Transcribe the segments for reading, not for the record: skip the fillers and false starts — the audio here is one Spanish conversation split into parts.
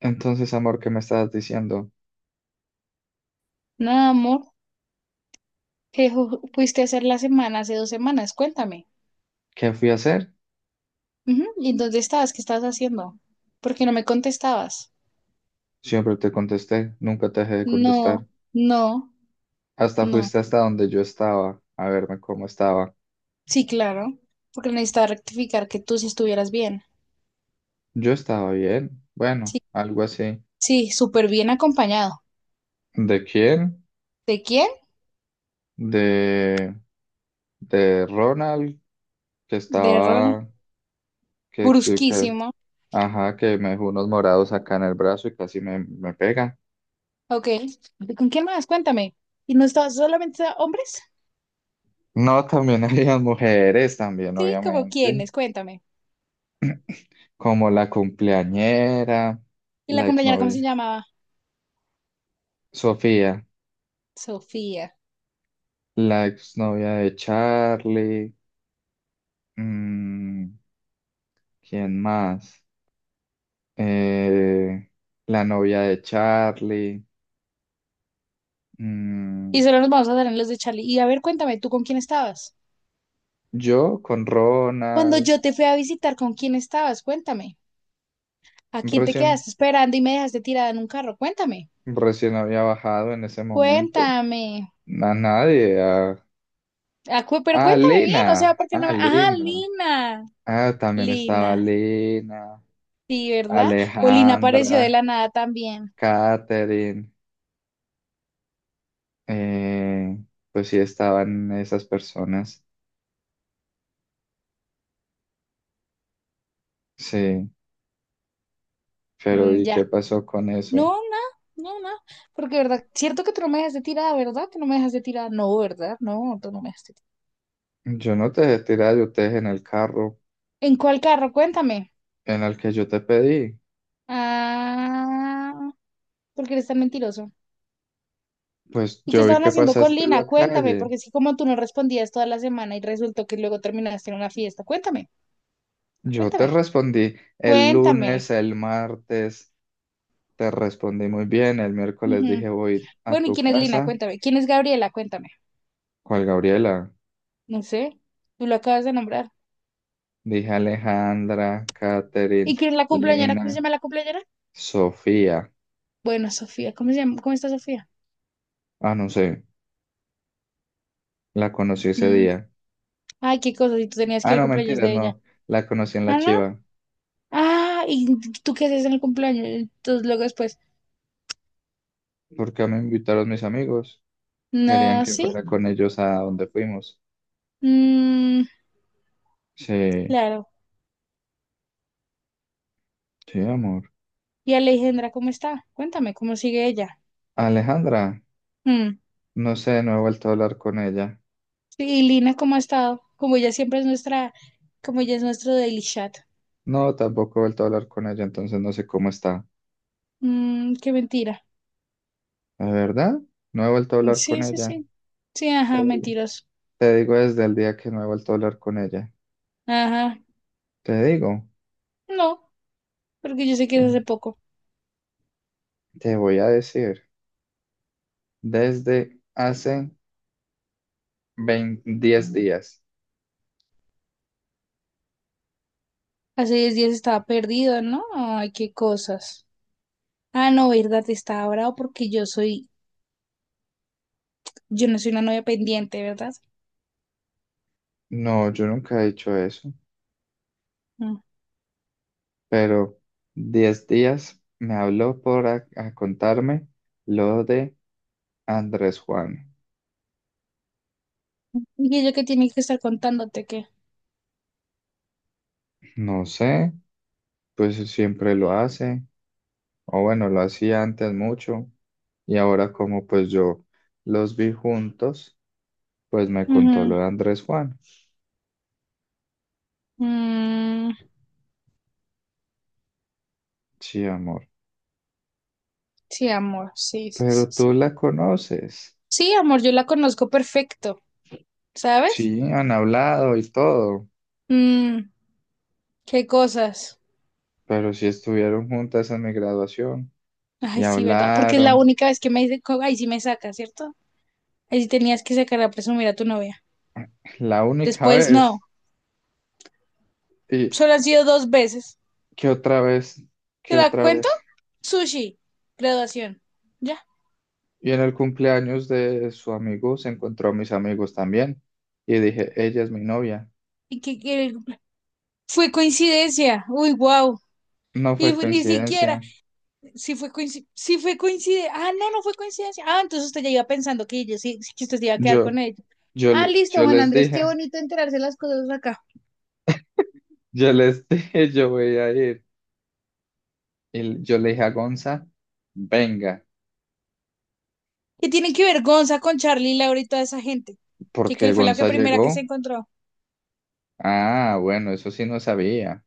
Entonces, amor, ¿qué me estabas diciendo? Nada, amor, que fuiste a hacer la semana hace 2 semanas, cuéntame. ¿Qué fui a hacer? Ujú, ¿y dónde estabas? ¿Qué estabas haciendo? ¿Por qué no me contestabas? Siempre te contesté, nunca te dejé de No, contestar. no, Hasta no. fuiste hasta donde yo estaba, a verme cómo estaba. Sí, claro, porque necesitaba rectificar que tú sí estuvieras bien. Yo estaba bien, bueno, Sí, algo así. sí, súper bien acompañado. ¿De quién? ¿De quién? De, de Ronald, que De Ron. estaba, que- Brusquísimo. ajá, que me dejó unos morados acá en el brazo y casi me pega. Ok. ¿Y con quién más? Cuéntame. ¿Y no estabas solamente hombres? No, también había mujeres, también, Sí, ¿como obviamente, quiénes? Cuéntame. como la cumpleañera, ¿Y la la compañera cómo se exnovia, llamaba? Sofía. Sofía. La exnovia de Charlie, mm, ¿quién más? Eh, la novia de Charlie, mm, Y solo nos vamos a dar en los de Charlie. Y a ver, cuéntame, ¿tú con quién estabas? yo con Cuando Ronald, yo te fui a visitar, ¿con quién estabas? Cuéntame. ¿A quién te recién, quedaste esperando y me dejaste tirada en un carro? Cuéntame. recién había bajado en ese momento, Cuéntame. a nadie, Ah, pero cuéntame bien, o sea, porque no a me... Ajá, Lena, Lina. ah, también estaba Lina. Lena, Sí, ¿verdad? O Lina apareció de la Alejandra, nada también. Katherine, eh, pues sí estaban esas personas, sí. Pero Mm, ¿y ya. qué pasó con eso? No, no, no, no. Porque, ¿verdad? Cierto que tú no me dejaste tirada, ¿verdad? Que no me dejaste tirada. No, ¿verdad? No, tú no me dejaste tirada. Yo no te dejé tirar, yo te dejé en el carro ¿En cuál carro? Cuéntame. en el que yo te pedí. Ah, porque eres tan mentiroso. Pues ¿Y qué yo vi estaban que haciendo con pasaste Lina? la Cuéntame, calle. porque es que como tú no respondías toda la semana y resultó que luego terminaste en una fiesta. Cuéntame, Yo te cuéntame, respondí el cuéntame. lunes, el martes, te respondí muy bien. El miércoles Ujú. dije voy a Bueno, ¿y tu quién es Lina? casa. Cuéntame. ¿Quién es Gabriela? Cuéntame. ¿Cuál Gabriela? No sé, tú lo acabas de nombrar. Dije Alejandra, Catherine, ¿Y quién es la cumpleañera? ¿Cómo se Lina, llama la cumpleañera? Sofía. Bueno, Sofía, ¿cómo se llama? ¿Cómo está Sofía? Ah, no sé, la conocí ese Mm, día. ay, qué cosa, si tú tenías que Ah, ir al no, cumpleaños mentiras, de ella. no, la conocí en la Ah, no. Chiva, Ah, ¿y tú qué haces en el cumpleaños? Entonces luego después, porque me invitaron mis amigos. Querían no, que sí. fuera con ellos a donde fuimos. Mm, Sí, claro. sí, amor. ¿Y Alejandra cómo está? Cuéntame, ¿cómo sigue ella? Alejandra, Mm. no sé, no he vuelto a hablar con ella. ¿Y Lina cómo ha estado? Como ella siempre es nuestra, como ella es nuestro daily chat. No, tampoco he vuelto a hablar con ella, entonces no sé cómo está. Mm, qué mentira. ¿De verdad? No he vuelto a hablar Sí, con sí, ella. sí. Sí, Te ajá, mentiroso. te digo desde el día que no he vuelto a hablar con ella. Ajá. Te digo, No, porque yo sé que te, es hace poco. te voy a decir, desde hace veinte 10 días. Hace 10 días estaba perdido, ¿no? Ay, qué cosas. Ah, no, verdad, estaba bravo porque yo soy, yo no soy una novia pendiente, ¿verdad? No, yo nunca he dicho eso, Mm. pero 10 días me habló por a contarme lo de Andrés Juan, Y ella que tiene que estar contándote que. no sé, pues siempre lo hace, o bueno, lo hacía antes mucho, y ahora como pues yo los vi juntos, pues me contó Ujú. lo de Andrés Juan. Mm, Sí, amor, sí, amor, sí, sí, sí. pero Sí, tú la conoces. sí, amor, yo la conozco perfecto, ¿sabes? Sí, han hablado y todo, Mm, qué cosas. pero sí estuvieron juntas en mi graduación y Ay, sí, ¿verdad? Porque es la hablaron única vez que me dice, ay, sí me saca, ¿cierto? Ahí sí tenías que sacar a presumir a tu novia. la única Después no. vez. ¿Y Solo han sido dos veces. qué otra vez? ¿Te ¿Qué la otra cuento? vez? Sushi, graduación. Ya. Y en el cumpleaños de su amigo se encontró a mis amigos también. Y dije, ella es mi novia. Y fue coincidencia. Uy, wow. No Y fue ni siquiera, coincidencia. si fue coincidencia, si fue coincidencia, ah, no, no fue coincidencia, ah, entonces usted ya iba pensando que yo sí, sí que usted se iba a quedar Yo, con ella. Ah, listo, yo Juan les Andrés, qué dije, bonito enterarse las cosas acá. yo les dije, yo voy a ir. Y yo le dije a Gonza, venga, ¿Qué tienen que ver Gonza con Charlie, Laura y toda esa gente? Que porque que fue la que Gonza primera que se llegó. encontró. Ah, bueno, eso sí no sabía.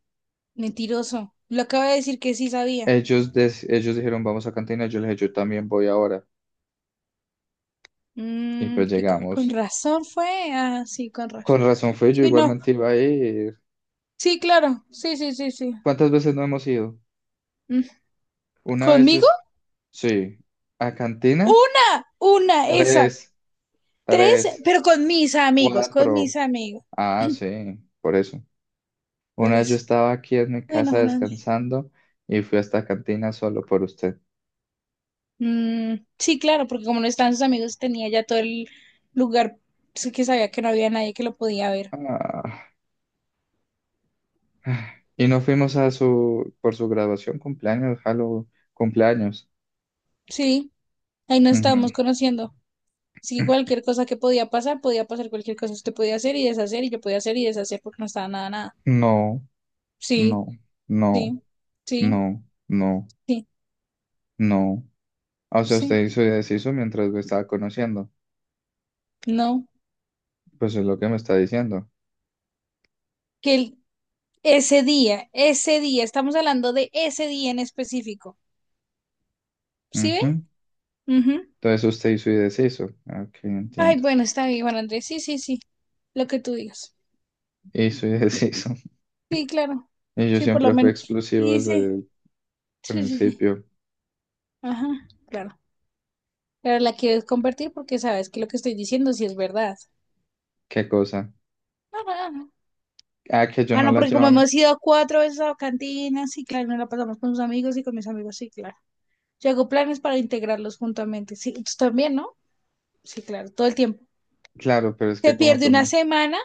Mentiroso. Lo acaba de decir que sí sabía. Ellos dijeron, vamos a cantina. Yo les dije, yo también voy ahora. Y Mm, pues que con llegamos. razón fue. Ah, sí, con Con razón. razón fui, yo Sí, no. igualmente iba a ir. Sí, claro. Sí, sí, sí, sí. ¿Cuántas veces no hemos ido? Mm. Una vez yo ¿Conmigo? sí. ¿A cantina? Una, esa. Tres, Tres, Tres, pero con mis amigos, con mis cuatro. amigos. Ah, sí, por eso. Por Una vez yo eso. estaba aquí en mi Bueno, casa Fernando. descansando y fui hasta cantina solo por usted. Mm, sí, claro, porque como no estaban sus amigos, tenía ya todo el lugar, sí, que sabía que no había nadie que lo podía ver. Ah, y no fuimos a su, por su graduación, cumpleaños, Halo, cumpleaños. Sí. Ahí nos Ujú. estábamos conociendo. Así que cualquier cosa que podía pasar cualquier cosa. Usted podía hacer y deshacer y yo podía hacer y deshacer porque no estaba nada, nada. No, no, Sí, no, sí, no, sí, no, sí, no. Ah, o sea, sí. usted hizo y deshizo mientras me estaba conociendo. No. Pues es lo que me está diciendo. Que el- ese día, ese día, estamos hablando de ese día en específico. ¿Sí ve? Ujú. Entonces usted hizo y deshizo. Ah, ok, Ay, entiendo. bueno, está bien, Juan Andrés. Sí, sí, sí. Lo que tú digas. Hizo y deshizo. Sí, claro. Y yo Sí, por lo siempre fui menos. explosivo Y desde dice, el sí, sí, sí. principio. Ajá, claro. Pero la quieres convertir porque sabes que lo que estoy diciendo sí es verdad. ¿Qué cosa? Ah, que yo Ah, no no, la porque como llevaba. hemos ido cuatro veces a cantinas, sí, claro, nos la pasamos con sus amigos y con mis amigos, sí, claro. Yo hago planes para integrarlos juntamente. Sí, tú también, ¿no? Sí, claro, todo el tiempo. Claro, pero es Se que como pierde tú una me... semana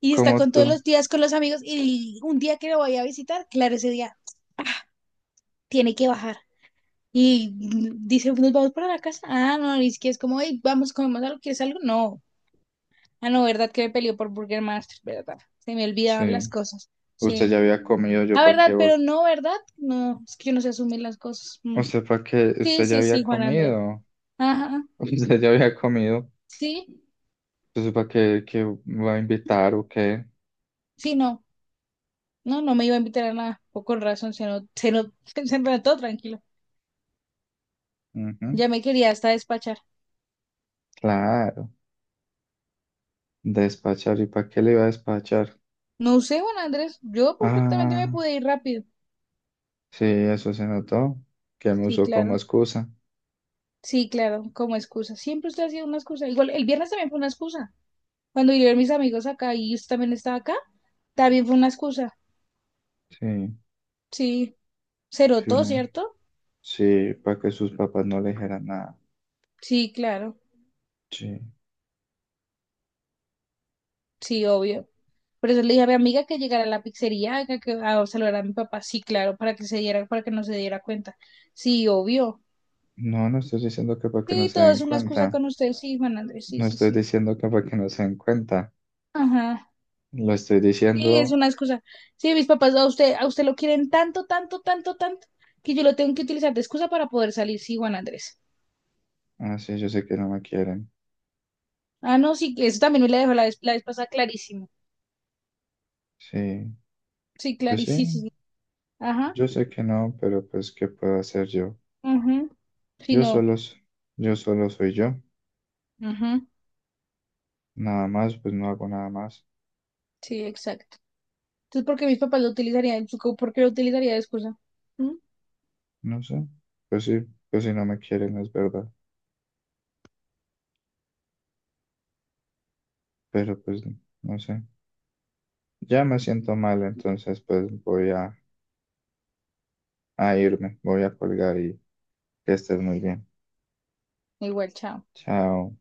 y está Como con todos tú... los días con los amigos y un día que lo vaya a visitar, claro, ese día tiene que bajar. Y mm, dice, nos vamos para la casa. Ah, no, y es que es como, hey, vamos, comemos algo, ¿quieres algo? No. Ah, no, ¿verdad que me peleó por Burger Master? ¿Verdad? Se me olvidaban Sí. las cosas. Usted Sí. ya había comido, yo Ah, para qué ¿verdad? voy. Pero no, ¿verdad? No, es que uno se asume las cosas. Mm. Usted para qué... Sí, Usted ya sí, había sí, Juan Andrés. comido. Ajá, Usted ya había comido. sí, Entonces para qué, qué va a invitar o qué. sí, no. No, no me iba a invitar a nada. O razón, se no, se notó, tranquilo. Ujú, Ya me quería hasta despachar. claro. Despachar. ¿Y para qué le iba a despachar? No sé, Juan Andrés, yo perfectamente me Ah, pude ir rápido. sí, eso se notó. Que me Sí, usó como claro, excusa. sí, claro, como excusa. Siempre usted ha sido una excusa. Igual, el viernes también fue una excusa. Cuando yo a mis amigos acá y usted también estaba acá, también fue una excusa. Sí, Sí, cero sí, todo, una- ¿cierto? sí, para que sus papás no le dijeran nada. Sí, claro, Sí. sí, obvio. Por eso le dije a mi amiga que llegara a la pizzería a saludar a mi papá. Sí, claro, para que se diera, para que no se diera cuenta. Sí, obvio. No, no estoy diciendo que para que no Sí, se todo den es una excusa cuenta. con usted. Sí, Juan Andrés, sí, No sí, estoy sí. diciendo que para que no se den cuenta. Ajá. Lo estoy Sí, es diciendo, una excusa. Sí, mis papás a usted lo quieren tanto, tanto, tanto, tanto, que yo lo tengo que utilizar de excusa para poder salir. Sí, Juan Andrés. ah, sí, yo sé que no me quieren. Ah, no, sí, que eso también me la dejó la vez pasada clarísimo. Sí, Sí, pues sí, clarísimo. Ajá. yo sé que no, pero pues, ¿qué puedo hacer yo? Ajá. Sí, Yo no. solo, s- yo solo soy yo. Ajá. Nada más, pues no hago nada más. Sí, exacto. Entonces, ¿por qué mis papás lo utilizarían? ¿Por qué lo utilizaría de excusa? ¿Mm? No sé. Pues sí, pues si no me quieren, es verdad. Pero pues, no sé. Ya me siento mal, entonces pues voy a irme. Voy a colgar y que estés muy bien. Igual, chao. Chao.